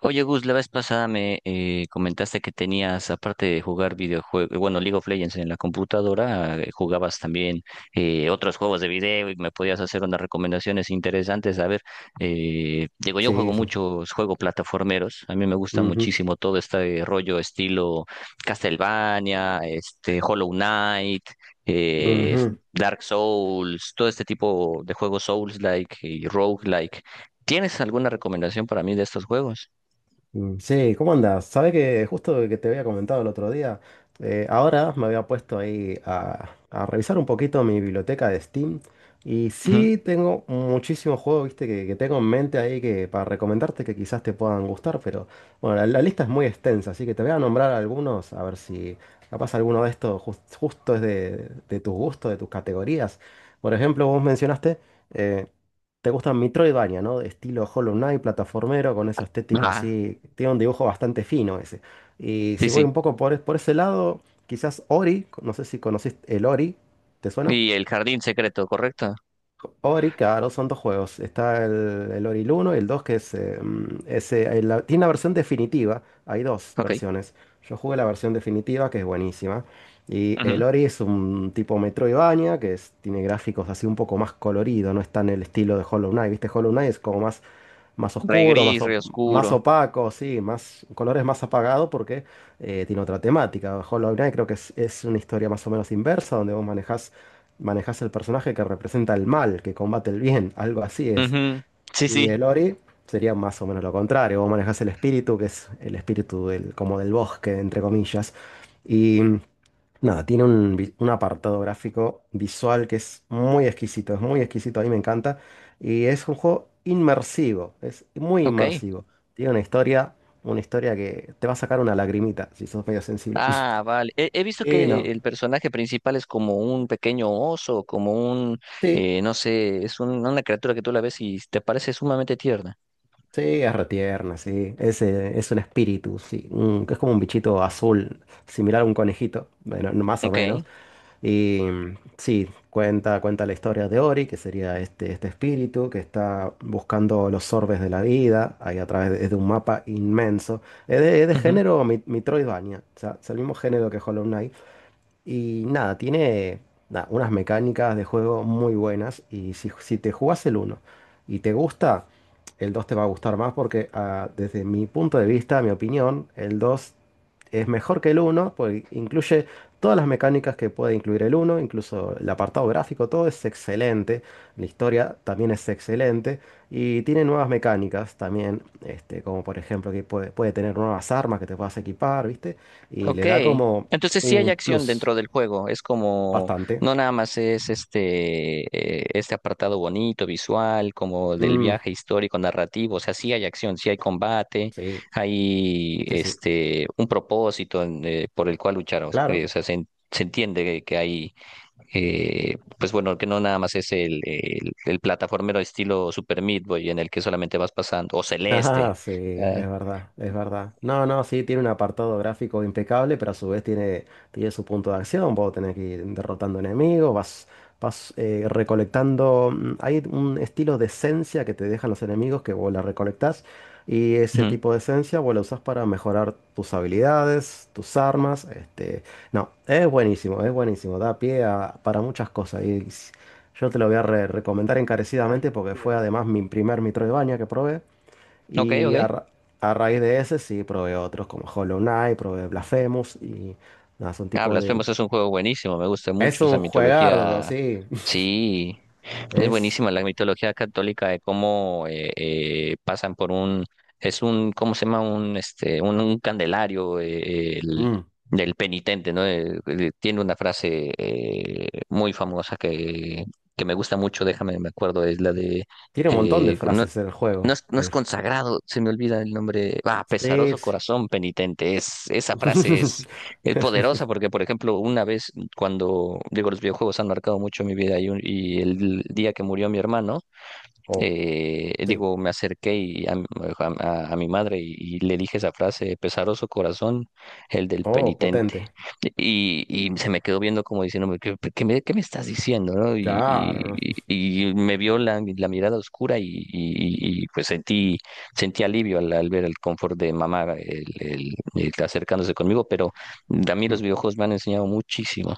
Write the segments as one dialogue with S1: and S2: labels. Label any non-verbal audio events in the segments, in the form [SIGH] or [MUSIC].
S1: Oye, Gus, la vez pasada me comentaste que tenías, aparte de jugar videojuegos, bueno, League of Legends en la computadora, jugabas también otros juegos de video y me podías hacer unas recomendaciones interesantes. A ver, digo, yo juego
S2: Sí.
S1: muchos juegos plataformeros. A mí me gusta
S2: Ujú,
S1: muchísimo todo este rollo estilo Castlevania, este, Hollow Knight. eh,
S2: ujú.
S1: Dark Souls, todo este tipo de juegos Souls-like y Roguelike. ¿Tienes alguna recomendación para mí de estos juegos?
S2: Sí, ¿cómo andas? Sabes que justo que te había comentado el otro día, ahora me había puesto ahí a revisar un poquito mi biblioteca de Steam y
S1: Ujú.
S2: sí tengo muchísimos juegos, viste, que tengo en mente ahí que para recomendarte que quizás te puedan gustar, pero bueno, la lista es muy extensa, así que te voy a nombrar algunos, a ver si capaz alguno de justo es de tus gustos, de tus categorías. Por ejemplo, vos mencionaste... eh, Te gustan Metroidvania, ¿no? De estilo Hollow Knight, plataformero, con esa estética
S1: Ajá,
S2: así. Tiene un dibujo bastante fino ese. Y
S1: sí,
S2: si voy
S1: sí.
S2: un poco por ese lado, quizás Ori, no sé si conociste el Ori, ¿te suena?
S1: ¿Y el jardín secreto, correcto?
S2: Ori, claro, son dos juegos. Está el Ori 1 y el 2 que es, mm, es, la- tiene una versión definitiva. Hay dos
S1: Ok.
S2: versiones. Yo jugué la versión definitiva, que es buenísima. Y
S1: Ujú.
S2: el Ori es un tipo Metroidvania, tiene gráficos así un poco más colorido, no está en el estilo de Hollow Knight. ¿Viste? Hollow Knight es como más, más
S1: Rey
S2: oscuro,
S1: gris, rey
S2: más
S1: oscuro.
S2: opaco, sí, más colores más apagados porque tiene otra temática. Hollow Knight creo que es una historia más o menos inversa, donde vos manejás manejas el personaje que representa el mal, que combate el bien, algo así es.
S1: Ujú. Sí,
S2: Y
S1: sí.
S2: el Ori sería más o menos lo contrario, vos manejas el espíritu, que es el espíritu del, como del bosque, entre comillas. Y nada, tiene un apartado gráfico visual que es muy exquisito, a mí me encanta. Y es un juego inmersivo, es muy
S1: Ok.
S2: inmersivo. Tiene una historia que te va a sacar una lagrimita si sos medio sensible. [LAUGHS]
S1: Ah, vale. He visto
S2: Y no.
S1: que el personaje principal es como un pequeño oso, como un,
S2: Sí,
S1: no sé, es una criatura que tú la ves y te parece sumamente tierna.
S2: sí, es retierna, sí. Es un espíritu, sí. Mm, que es como un bichito azul, similar a un conejito, bueno, no, más o menos.
S1: Ok.
S2: Y sí, cuenta la historia de Ori, que sería este espíritu que está buscando los orbes de la vida, ahí a través de un mapa inmenso. Es de género Metroidvania, o sea, es el mismo género que Hollow Knight, y nada, tiene nada, unas mecánicas de juego muy buenas. Y si te jugás el uno y te gusta, el 2 te va a gustar más porque desde mi punto de vista, mi opinión, el 2 es mejor que el uno porque incluye todas las mecánicas que puede incluir el uno incluso el apartado gráfico, todo es excelente. La historia también es excelente. Y tiene nuevas mecánicas también, este, como por ejemplo que puede tener nuevas armas que te puedas equipar, ¿viste? Y le
S1: Ok,
S2: da como
S1: entonces sí hay
S2: un
S1: acción
S2: plus.
S1: dentro del juego, es como,
S2: Bastante.
S1: no nada más es este, este apartado bonito, visual, como del
S2: Mm,
S1: viaje histórico, narrativo. O sea, sí hay acción, sí hay combate,
S2: sí,
S1: hay
S2: sí, sí.
S1: este, un propósito en, por el cual luchar,
S2: Claro.
S1: o sea, se, se entiende que hay, pues bueno, que no nada más es el plataformero estilo Super Meat Boy en el que solamente vas pasando, o Celeste.
S2: Ah, sí, es
S1: ah,
S2: verdad, es verdad. No, no, sí, tiene un apartado gráfico impecable, pero a su vez tiene, tiene su punto de acción. Vos tenés que ir derrotando enemigos, vas recolectando. Mm, hay un estilo de esencia que te dejan los enemigos que vos la recolectás. Y ese
S1: Ujú.
S2: tipo de esencia vos la usás para mejorar tus habilidades, tus armas. Este, no, es buenísimo, es buenísimo. Da para muchas cosas. Yo te lo voy a recomendar encarecidamente porque fue además mi primer Metroidvania que probé.
S1: Ok,
S2: Y
S1: ok.
S2: a raíz de ese sí probé otros como Hollow Knight, probé Blasphemous y nada, son
S1: Ah,
S2: tipo de...
S1: Blasphemous es un juego buenísimo, me gusta
S2: Es
S1: mucho esa
S2: un juegardo,
S1: mitología.
S2: sí. [LAUGHS]
S1: Sí, es
S2: Es...
S1: buenísima la mitología católica de cómo pasan por un, es un, ¿cómo se llama? Un, este, un candelario
S2: Mm,
S1: del penitente, ¿no? Tiene una frase muy famosa que me gusta mucho. Déjame, me acuerdo, es la de,
S2: tiene un montón de
S1: eh, no-
S2: frases en el
S1: no
S2: juego.
S1: es, no es
S2: El...
S1: consagrado, se me olvida el nombre. Ah, pesaroso
S2: Sí.
S1: corazón penitente. Es, esa frase
S2: Sí.
S1: es poderosa porque,
S2: [LAUGHS]
S1: por ejemplo, una vez cuando, digo, los videojuegos han marcado mucho mi vida y, y el día que murió mi hermano,
S2: Oh, sí.
S1: digo, me acerqué mi madre y le dije esa frase: pesaroso corazón, el del
S2: Oh,
S1: penitente.
S2: potente.
S1: Y, y se me quedó viendo como diciéndome, ¿qué, qué me estás diciendo, no?
S2: Claro.
S1: Y, y me vio la, la mirada oscura y, pues sentí, sentí alivio al, al ver el confort de mamá el acercándose conmigo. Pero a mí
S2: ¿No?
S1: los
S2: Mm.
S1: videojuegos me han enseñado muchísimo.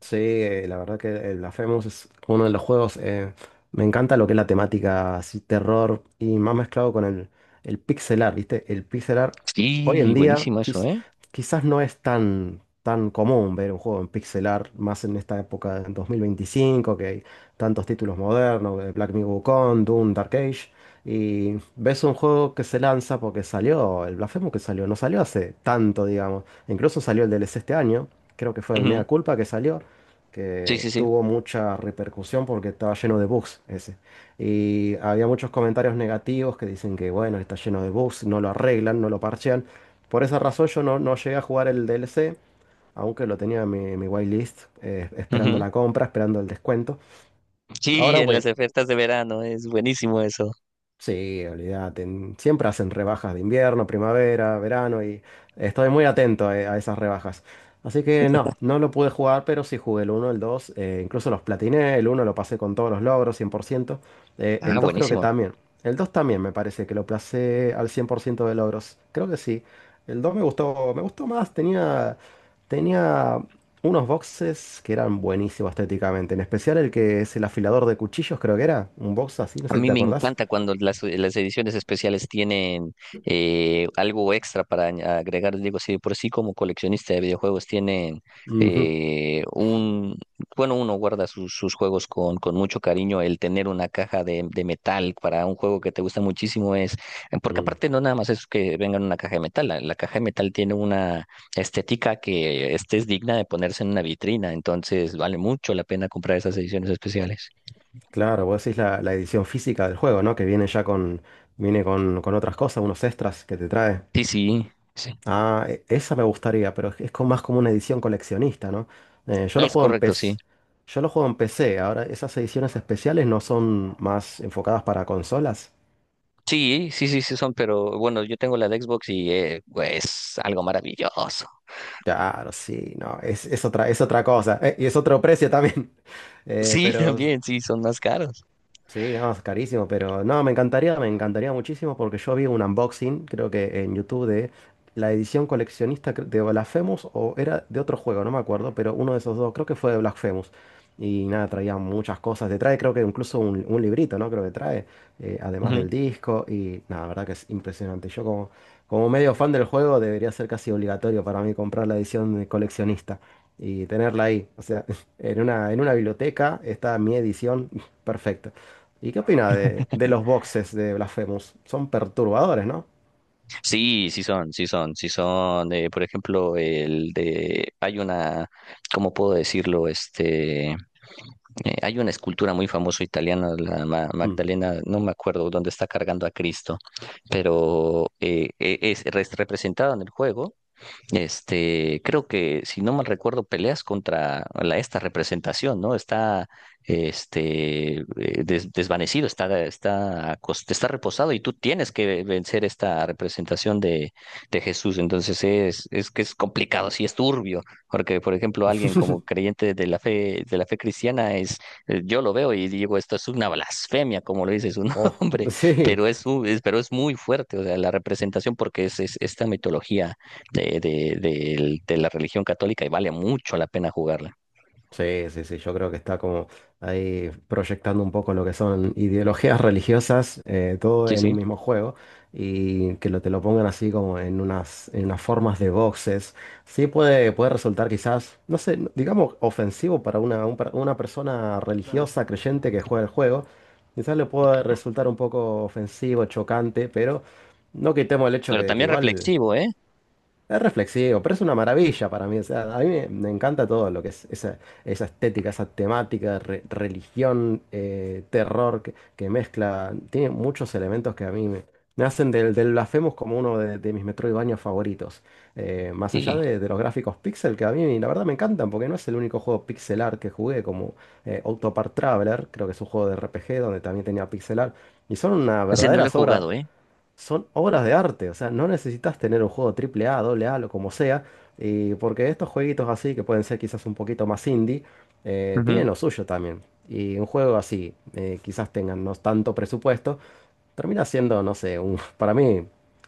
S2: Sí, la verdad que el Blasphemous es uno de los juegos. Eh, me encanta lo que es la temática así, terror y más mezclado con el pixel art, ¿viste? El pixel art hoy en
S1: Sí,
S2: día
S1: buenísimo eso,
S2: quiz-
S1: ¿eh?
S2: Quizás no es tan, tan común ver un juego en pixel art, más en esta época en 2025 que hay tantos títulos modernos, Black Myth Wukong, Doom, Dark Age. Y ves un juego que se lanza porque salió, el Blasphemous que salió, no salió hace tanto, digamos. Incluso salió el DLC este año, creo que fue el
S1: Ujú.
S2: Mea Culpa que salió
S1: Sí,
S2: que
S1: sí, sí.
S2: tuvo mucha repercusión porque estaba lleno de bugs ese. Y había muchos comentarios negativos que dicen que, bueno, está lleno de bugs, no lo arreglan, no lo parchean. Por esa razón yo no llegué a jugar el DLC, aunque lo tenía en en mi whitelist, esperando
S1: Ujú.
S2: la compra, esperando el descuento.
S1: Sí,
S2: Ahora,
S1: en
S2: voy
S1: las ofertas de verano es buenísimo eso.
S2: Sí, olvídate. Siempre hacen rebajas de invierno, primavera, verano y estoy muy atento a esas rebajas. Así que no, no lo pude jugar, pero sí jugué el uno, el 2, incluso los platiné, el uno lo pasé con todos los logros, 100%. Eh, el
S1: Ah,
S2: 2 creo que
S1: buenísimo.
S2: también. El 2 también me parece que lo pasé al 100% de logros. Creo que sí. El 2 me gustó más, tenía, tenía unos boxes que eran buenísimos estéticamente, en especial el que es el afilador de cuchillos, creo que era, un box así, no
S1: A
S2: sé si
S1: mí
S2: te
S1: me
S2: acordás.
S1: encanta cuando las ediciones especiales tienen algo extra para agregar. Digo, si de por sí como coleccionista de videojuegos tienen
S2: Ujú,
S1: eh, un, bueno, uno guarda sus, sus juegos con mucho cariño. El tener una caja de metal para un juego que te gusta muchísimo es, porque
S2: mm.
S1: aparte no nada más es que venga en una caja de metal. La caja de metal tiene una estética que este es digna de ponerse en una vitrina. Entonces vale mucho la pena comprar esas ediciones especiales.
S2: Claro, vos decís la edición física del juego, ¿no? Que viene ya con, viene con otras cosas, unos extras que te trae.
S1: Sí, sí. Sí.
S2: Ah, esa me gustaría, pero es más como una edición coleccionista, ¿no? Yo lo
S1: Es
S2: juego en
S1: correcto, sí.
S2: PC, yo lo juego en PC. Ahora, esas ediciones especiales no son más enfocadas para consolas.
S1: Sí, sí, sí, sí son, pero bueno, yo tengo la de Xbox y pues, es algo maravilloso.
S2: Claro, sí, no, es otra cosa. Eh, y es otro precio también. [LAUGHS]
S1: Sí, [LAUGHS]
S2: Pero
S1: también, sí, son más caros.
S2: sí, no, es carísimo, pero no, me encantaría muchísimo porque yo vi un unboxing, creo que en YouTube, de la edición coleccionista de Blasphemous o era de otro juego, no me acuerdo, pero uno de esos dos, creo que fue de Blasphemous. Y nada, traía muchas cosas. Te trae, creo que incluso un librito, ¿no? Creo que trae, además
S1: Ujú.
S2: del disco. Y nada, la verdad que es impresionante. Yo como, como medio fan del juego debería ser casi obligatorio para mí comprar la edición de coleccionista y tenerla ahí. O sea, [LAUGHS] en una biblioteca está mi edición [LAUGHS] perfecta. ¿Y qué opina de los boxes de Blasphemous? Son perturbadores, ¿no?
S1: Sí, sí son, sí son, sí son. Por ejemplo, el de, hay una, ¿cómo puedo decirlo? Este, eh, hay una escultura muy famosa italiana, la
S2: Mm.
S1: Magdalena, no me acuerdo dónde, está cargando a Cristo, pero es, representado en el juego este. Creo que, si no mal recuerdo, peleas contra la, esta representación, ¿no? Está, este, desvanecido, está, está, está reposado y tú tienes que vencer esta representación de Jesús. Entonces es que es complicado, sí es turbio, porque, por ejemplo, alguien como
S2: [LAUGHS]
S1: creyente de la fe cristiana es, yo lo veo y digo, esto es una blasfemia, como lo dice su
S2: Oh,
S1: [LAUGHS] nombre,
S2: sí.
S1: pero es, pero es muy fuerte. O sea, la representación, porque es esta mitología de la religión católica y vale mucho la pena jugarla.
S2: Sí, sí, sí, yo creo que está como ahí proyectando un poco lo que son ideologías religiosas, todo
S1: Sí,
S2: en
S1: sí.
S2: un mismo juego, y que lo, te lo pongan así como en unas formas de boxes. Sí puede, puede resultar quizás, no sé, digamos ofensivo para una persona
S1: Claro.
S2: religiosa, creyente que juega el juego. Quizás le pueda resultar un poco ofensivo, chocante, pero no quitemos el hecho
S1: ¿Pero
S2: que
S1: también
S2: igual...
S1: reflexivo, eh?
S2: Es reflexivo, pero es una maravilla para mí. O sea, a mí me, me encanta todo lo que es esa, esa estética, esa temática, religión, terror que mezcla. Tiene muchos elementos que a mí me, me hacen del Blasphemous como uno de mis Metroidvania favoritos. Más allá
S1: Sí.
S2: de los gráficos pixel, que a mí la verdad me encantan, porque no es el único juego pixel art que jugué, como Octopart Traveler, creo que es un juego de RPG donde también tenía pixel art. Y son una
S1: Ese no
S2: verdadera
S1: lo he
S2: obra
S1: jugado, eh.
S2: Son obras de arte, o sea, no necesitas tener un juego triple A, doble A, lo como sea, y porque estos jueguitos así, que pueden ser quizás un poquito más indie,
S1: Ujú.
S2: tienen lo suyo también. Y un juego así, quizás tengan no tanto presupuesto, termina siendo, no sé, un, [LAUGHS] para mí,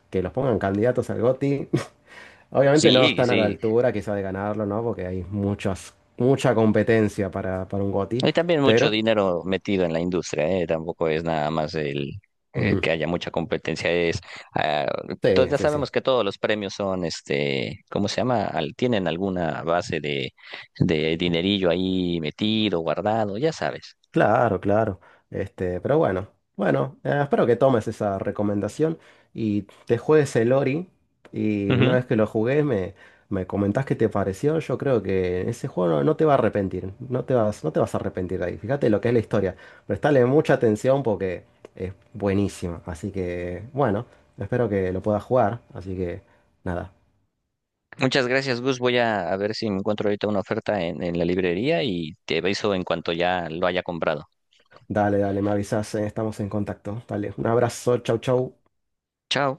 S2: que los pongan candidatos al GOTY, [LAUGHS] obviamente no
S1: Sí,
S2: están a la
S1: sí.
S2: altura quizás de ganarlo, ¿no? Porque hay muchas, mucha competencia para un GOTY,
S1: Hay también mucho
S2: pero...
S1: dinero metido en la industria, ¿eh? Tampoco es nada más el
S2: Ujú,
S1: que haya mucha competencia. Es, ah,
S2: sí,
S1: ya
S2: sí, sí.
S1: sabemos que todos los premios son, este, ¿cómo se llama? Tienen alguna base de dinerillo ahí metido, guardado, ya sabes.
S2: Claro, claro. Este, pero bueno, bueno, espero que tomes esa recomendación y te juegues el Ori. Y una vez que lo jugué, me comentás qué te pareció. Yo creo que ese juego no, no te va a arrepentir. No te vas, no te vas a arrepentir de ahí. Fíjate lo que es la historia. Prestale mucha atención porque es buenísima. Así que, bueno, espero que lo puedas jugar. Así que, nada.
S1: Muchas gracias, Gus. Voy a ver si me encuentro ahorita una oferta en la librería y te aviso en cuanto ya lo haya comprado.
S2: Dale, dale, me avisas, estamos en contacto. Dale, un abrazo, chau, chau.
S1: Chao.